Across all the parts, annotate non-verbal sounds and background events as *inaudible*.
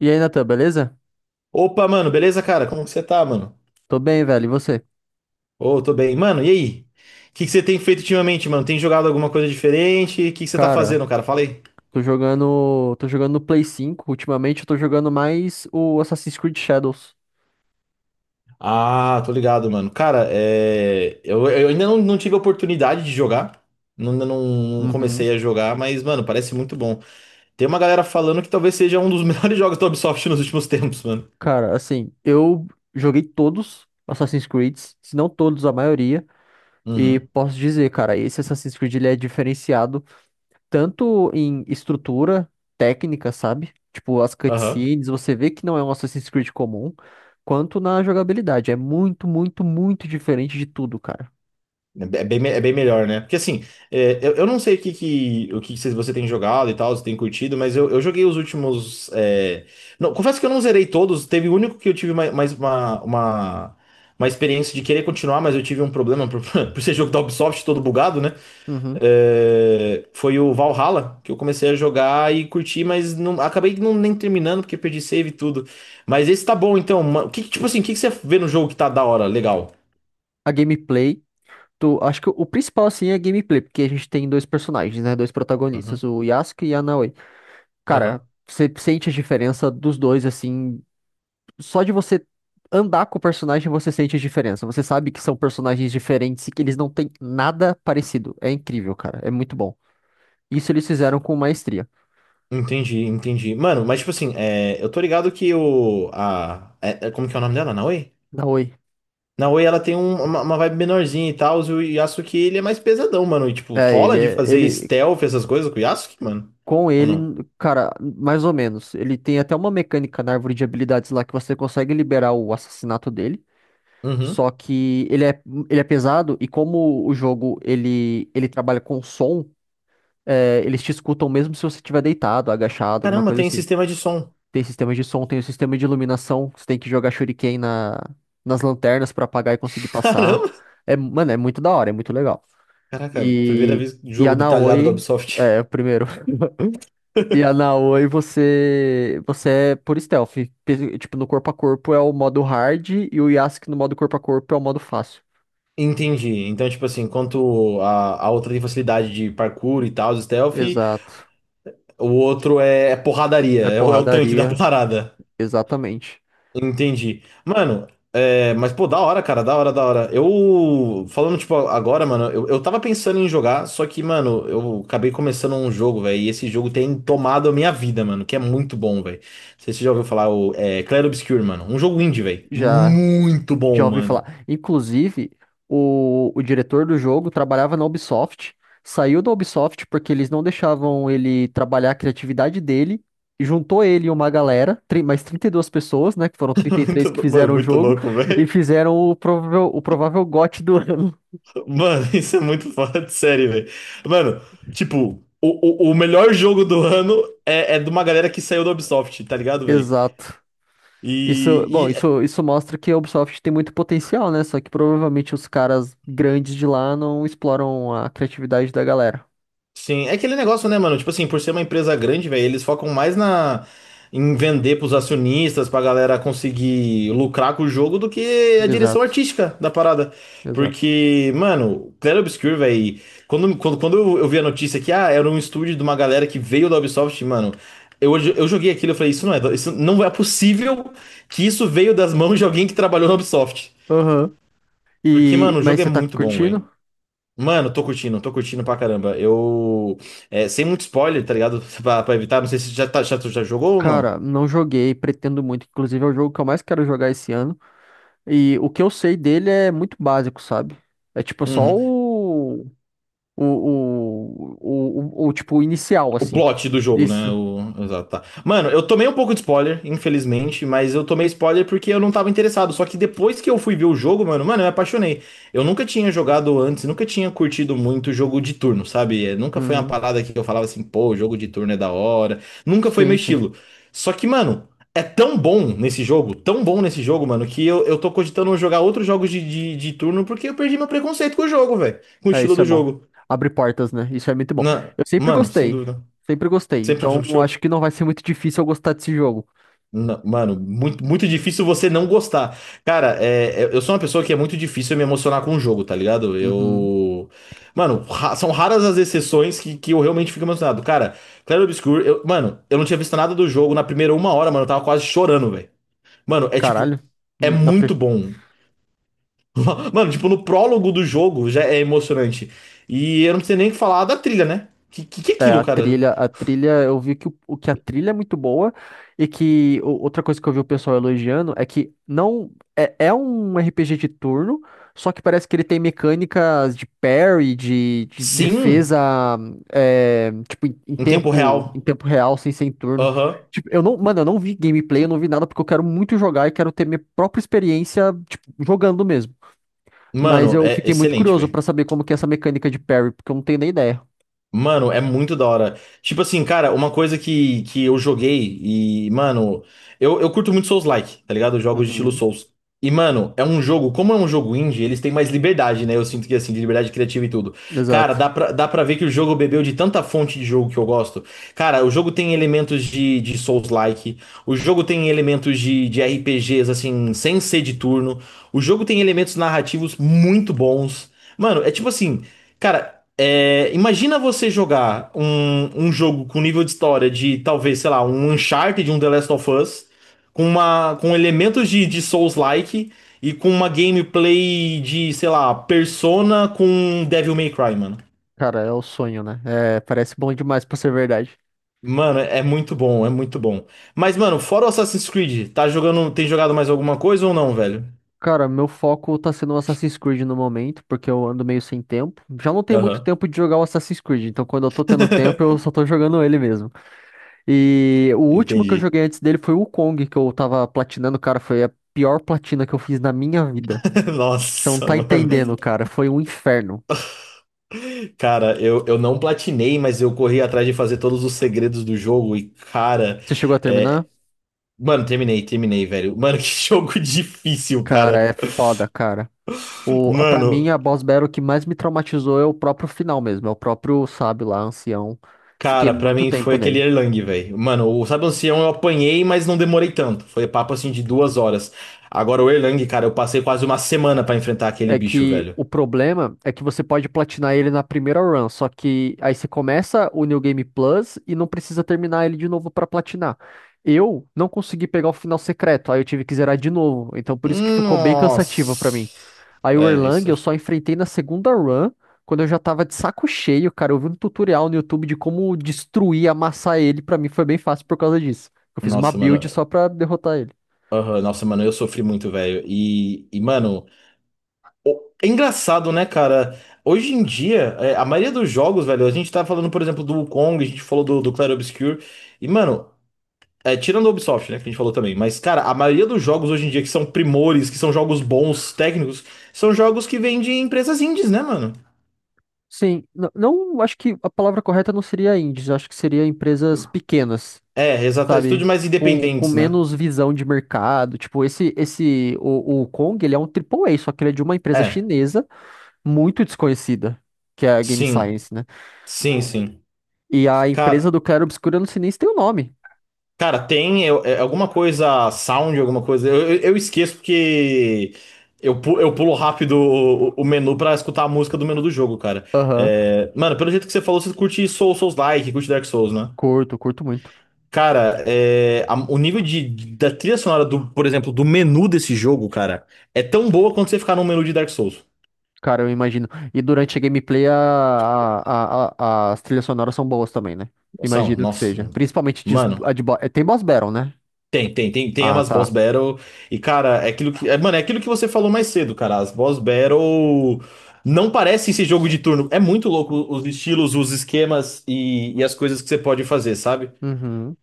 E aí, Natan, beleza? Opa, mano, beleza, cara? Como que você tá, mano? Tô bem, velho. E você? Ô, tô bem. Mano, e aí? O que que você tem feito ultimamente, mano? Tem jogado alguma coisa diferente? O que que você tá Cara, fazendo, cara? Fala aí. tô jogando. Tô jogando no Play 5. Ultimamente eu tô jogando mais o Assassin's Creed Shadows. Ah, tô ligado, mano. Cara, eu ainda não tive a oportunidade de jogar. Não, não não, Uhum. comecei a jogar, mas, mano, parece muito bom. Tem uma galera falando que talvez seja um dos *laughs* melhores jogos da Ubisoft nos últimos tempos, mano. Cara, assim, eu joguei todos Assassin's Creeds, se não todos, a maioria. E Uhum. posso dizer, cara, esse Assassin's Creed ele é diferenciado tanto em estrutura, técnica, sabe? Tipo, as Aham. cutscenes, você vê que não é um Assassin's Creed comum, quanto na jogabilidade. É muito, muito, muito diferente de tudo, cara. É bem melhor, né? Porque assim, eu não sei o que você tem jogado e tal, se tem curtido, mas eu joguei os últimos. Não, confesso que eu não zerei todos, teve o único que eu tive uma experiência de querer continuar, mas eu tive um problema por, *laughs* por ser jogo da Ubisoft todo bugado, né? Uhum. É, foi o Valhalla que eu comecei a jogar e curti, mas não, acabei não, nem terminando porque perdi save e tudo. Mas esse tá bom, então. O que, tipo assim, o que, que você vê no jogo que tá da hora, legal? A gameplay. Tu, acho que o principal, assim, é a gameplay, porque a gente tem dois personagens, né? Dois protagonistas, Uhum. o Yasuke e a Naoi. Cara, Aham. você sente a diferença dos dois, assim, só de você andar com o personagem, você sente a diferença. Você sabe que são personagens diferentes e que eles não têm nada parecido. É incrível, cara. É muito bom. Isso eles fizeram com maestria. Entendi, entendi. Mano, mas tipo assim, eu tô ligado que o. Como que é o nome dela? Naoi? Naoi. Naoi, ela tem uma vibe menorzinha e tal, e o Yasuke ele é mais pesadão, mano. E tipo, É, ele rola de é. fazer Ele. stealth, essas coisas com o Yasuke, mano? Com Ou ele, não? cara, mais ou menos. Ele tem até uma mecânica na árvore de habilidades lá que você consegue liberar o assassinato dele. Uhum. Só que ele é pesado e como o jogo ele trabalha com som, é, eles te escutam mesmo se você estiver deitado, agachado, alguma Caramba, coisa tem assim. sistema de som. Tem sistema de som, tem o sistema de iluminação, você tem que jogar shuriken nas lanternas pra apagar e conseguir *laughs* passar. Caramba! É, mano, é muito da hora, é muito legal. Caraca, primeira E, vez e jogo a detalhado da Naoi, Ubisoft. é, o primeiro. *laughs* E a Naoi você é por stealth. Tipo, no corpo a corpo é o modo hard e o Yasuke no modo corpo a corpo é o modo fácil. Entendi. Então, tipo assim, enquanto a outra tem facilidade de parkour e tal, stealth, Exato. o outro é porradaria, É é o tanque da porradaria, parada. exatamente. Entendi. Mano, é, mas pô, da hora, cara, da hora, da hora. Eu, falando, tipo, agora, mano, eu tava pensando em jogar, só que, mano, eu acabei começando um jogo, velho, e esse jogo tem tomado a minha vida, mano, que é muito bom, velho. Não sei se você já ouviu falar, Clair Obscur, mano. Um jogo indie, velho. Já, Muito já bom, ouvi mano. falar. Inclusive, o diretor do jogo trabalhava na Ubisoft, saiu da Ubisoft porque eles não deixavam ele trabalhar a criatividade dele, e juntou ele e uma galera, mais 32 pessoas, né, que foram trinta *laughs* e três que Mano, fizeram o muito jogo, louco, e velho. fizeram o provável GOT do ano. Mano, *laughs* isso é muito fora de série, velho. Mano, tipo, o melhor jogo do ano é de uma galera que saiu da Ubisoft, tá *laughs* ligado, velho? Exato. Isso, bom, E, isso mostra que a Ubisoft tem muito potencial, né? Só que provavelmente os caras grandes de lá não exploram a criatividade da galera. sim, é aquele negócio, né, mano? Tipo assim, por ser uma empresa grande, velho, eles focam mais na em vender pros acionistas, pra galera conseguir lucrar com o jogo do que a direção Exato, artística da parada. exato. Porque, mano, Clair Obscur, velho, quando eu vi a notícia que ah, era um estúdio de uma galera que veio da Ubisoft, mano, eu joguei aquilo e falei, isso não é possível que isso veio das mãos de alguém que trabalhou na Ubisoft. Aham. Porque, E, mano, o mas jogo é você tá muito bom, velho. curtindo? Mano, tô curtindo pra caramba. Eu. Sem muito spoiler, tá ligado? *laughs* Pra evitar, não sei se tu já jogou ou não. Cara, não joguei, pretendo muito. Inclusive, é o jogo que eu mais quero jogar esse ano. E o que eu sei dele é muito básico, sabe? É tipo só Uhum. o. O, tipo o inicial, O assim. plot do jogo, né? Isso. O... Exato, tá. Mano, eu tomei um pouco de spoiler, infelizmente, mas eu tomei spoiler porque eu não tava interessado. Só que depois que eu fui ver o jogo, mano, eu me apaixonei. Eu nunca tinha jogado antes, nunca tinha curtido muito jogo de turno, sabe? Nunca foi uma Uhum. parada que eu falava assim, pô, jogo de turno é da hora. Nunca foi Sim, meu sim. estilo. Só que, mano, é tão bom nesse jogo, tão bom nesse jogo, mano, que eu tô cogitando jogar outros jogos de turno porque eu perdi meu preconceito com o jogo, velho. Com o É, estilo isso é do bom. jogo. Abre portas, né? Isso é muito bom. Na... Eu sempre Mano, sem gostei. dúvida. Sempre gostei. Sempre, Então, sempre eu acho que não vai ser muito difícil eu gostar desse jogo. Não, mano, muito difícil você não gostar. Cara, eu sou uma pessoa que é muito difícil me emocionar com o jogo, tá ligado? Uhum. Eu. São raras as exceções que eu realmente fico emocionado. Cara, Clair Obscur, eu, mano, eu não tinha visto nada do jogo na primeira uma hora, mano, eu tava quase chorando, velho. Mano, é tipo. Caralho. É Na, muito bom. *laughs* Mano, tipo, no prólogo do jogo já é emocionante. E eu não preciso nem falar da trilha, né? Que é É, a aquilo, cara? trilha, a trilha, eu vi que, o que a trilha é muito boa e que outra coisa que eu vi o pessoal elogiando é que não é, é um RPG de turno, só que parece que ele tem mecânicas de parry, de Sim, defesa, é, tipo, em, em em tempo tempo, em real. tempo real, sem ser em turno. Aham. Tipo, eu não, mano, eu não vi gameplay, eu não vi nada porque eu quero muito jogar e quero ter minha própria experiência, tipo, jogando mesmo. Mas Mano, eu é fiquei muito excelente, curioso velho. pra saber como que é essa mecânica de parry, porque eu não tenho nem ideia. Mano, é muito da hora. Tipo assim, cara, uma coisa que eu joguei e, mano, eu curto muito Souls-like, tá ligado? Jogos de estilo Uhum. Souls. E, mano, é um jogo, como é um jogo indie, eles têm mais liberdade, né? Eu sinto que, assim, de liberdade criativa e tudo. Cara, Exato. dá pra ver que o jogo bebeu de tanta fonte de jogo que eu gosto. Cara, o jogo tem elementos de Souls-like, o jogo tem elementos de RPGs, assim, sem ser de turno, o jogo tem elementos narrativos muito bons. Mano, é tipo assim. Cara, é, imagina você jogar um jogo com nível de história de talvez, sei lá, um Uncharted, um The Last of Us, com elementos de Souls-like e com uma gameplay de, sei lá, Persona com Devil May Cry, mano. Cara, é o sonho, né? É, parece bom demais pra ser verdade. Mano, é muito bom, é muito bom. Mas, mano, fora o Assassin's Creed, tá jogando, tem jogado mais alguma coisa ou não, velho? Cara, meu foco tá sendo o Assassin's Creed no momento, porque eu ando meio sem tempo. Já não tenho muito Aham. tempo de jogar o Assassin's Creed, então quando eu tô tendo tempo, *laughs* eu só tô jogando ele mesmo. E o último que eu Entendi. joguei antes dele foi o Kong, que eu tava platinando, cara, foi a pior platina que eu fiz na minha vida. *laughs* Você não Nossa, tá entendendo, mano. cara, foi um inferno. Cara, eu não platinei, mas eu corri atrás de fazer todos os segredos do jogo e, cara. Você chegou a é, terminar? Mano, terminei, velho. Mano, *laughs* que jogo difícil, Cara, cara. é foda, cara. Pra mim, Mano, a boss battle que mais me traumatizou é o próprio final mesmo, é o próprio sábio lá, ancião. Fiquei cara, pra muito mim foi tempo aquele nele. Erlang, velho. Mano, o Sabe Ancião eu apanhei, mas não demorei tanto. Foi papo assim de duas horas. Agora o Erlang, cara, eu passei quase uma semana pra enfrentar aquele É bicho, que velho. o problema é que você pode platinar ele na primeira run, só que aí você começa o New Game Plus e não precisa terminar ele de novo pra platinar. Eu não consegui pegar o final secreto, aí eu tive que zerar de novo, então por isso que ficou bem cansativo pra mim. Nossa. Aí o É, Erlang isso. Eu só enfrentei na segunda run, quando eu já tava de saco cheio, cara. Eu vi um tutorial no YouTube de como destruir, amassar ele. Pra mim foi bem fácil por causa disso. Eu fiz uma Nossa, build mano. só pra derrotar ele. Aham, nossa, mano, eu sofri muito, velho. E, mano. É engraçado, né, cara? Hoje em dia, é, a maioria dos jogos, velho, a gente tá falando, por exemplo, do Wukong, a gente falou do Clair Obscur. E, mano, é, tirando o Ubisoft, né, que a gente falou também. Mas, cara, a maioria dos jogos hoje em dia que são primores, que são jogos bons, técnicos, são jogos que vêm de empresas indies, né, mano? Sim, não, acho que a palavra correta não seria indies, acho que seria empresas pequenas, É, exato. Estúdios sabe? mais Com independentes, né? menos visão de mercado. Tipo, o Kong, ele é um AAA, só que ele é de uma empresa É, chinesa muito desconhecida, que é a Game sim. Science, né? Sim, sim. E a empresa Cara. do Claro Obscuro, eu não sei nem se tem o nome. Cara, tem alguma coisa, sound, alguma coisa. Eu esqueço porque eu pulo rápido o menu pra escutar a música do menu do jogo, cara. Aham. É, mano, pelo jeito que você falou, você curte Souls, Souls-like, curte Dark Souls, né? Curto muito. Cara, é, o nível de, da trilha sonora, do, por exemplo, do menu desse jogo, cara, é tão boa quanto você ficar num menu de Dark Souls. Cara, eu imagino. E durante a gameplay a- as trilhas sonoras são boas também, né? Nossa, Imagino que nossa. seja. Principalmente de, a Mano. de bo- é, tem boss battle, né? Tem, tem, tem, tem Ah, umas boss tá. battle. E, cara, é aquilo que. É, mano, é aquilo que você falou mais cedo, cara. As boss battle não parece esse jogo de turno. É muito louco os estilos, os esquemas e as coisas que você pode fazer, sabe? Uhum.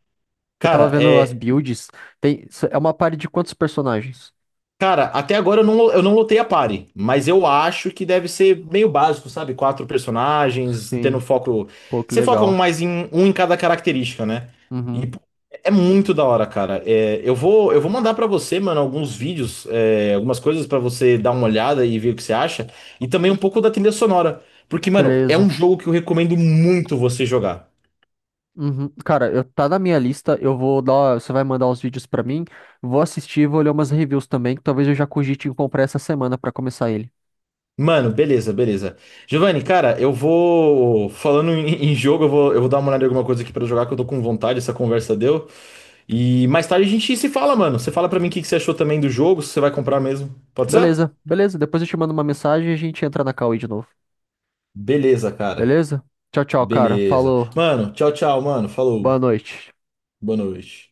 Eu tava Cara, vendo as é. builds. Tem... É uma party de quantos personagens? Cara, até agora eu não lotei a party, mas eu acho que deve ser meio básico, sabe? Quatro personagens, tendo Sim. foco. Pô, que Você foca um legal. mais em um em cada característica, né? E Uhum. pô, é muito da hora, cara. É, eu vou mandar pra você, mano, alguns vídeos, é, algumas coisas pra você dar uma olhada e ver o que você acha, e também um pouco da trilha sonora, porque, mano, é Beleza. um jogo que eu recomendo muito você jogar. Uhum. Cara, tá na minha lista. Eu vou dar. Você vai mandar os vídeos pra mim. Vou assistir, vou ler umas reviews também. Que talvez eu já cogite em comprar essa semana pra começar ele. Mano, beleza, beleza. Giovanni, cara, eu vou. Falando em, em jogo, eu vou dar uma olhada em alguma coisa aqui pra jogar, que eu tô com vontade, essa conversa deu. E mais tarde a gente se fala, mano. Você fala pra mim o que que você achou também do jogo, se você vai comprar mesmo. Pode ser? Beleza, beleza. Depois eu te mando uma mensagem e a gente entra na Cauê de novo. Beleza, cara. Beleza? Tchau, tchau, cara. Beleza. Falou. Mano, tchau, tchau, mano. Falou. Boa noite. Boa noite.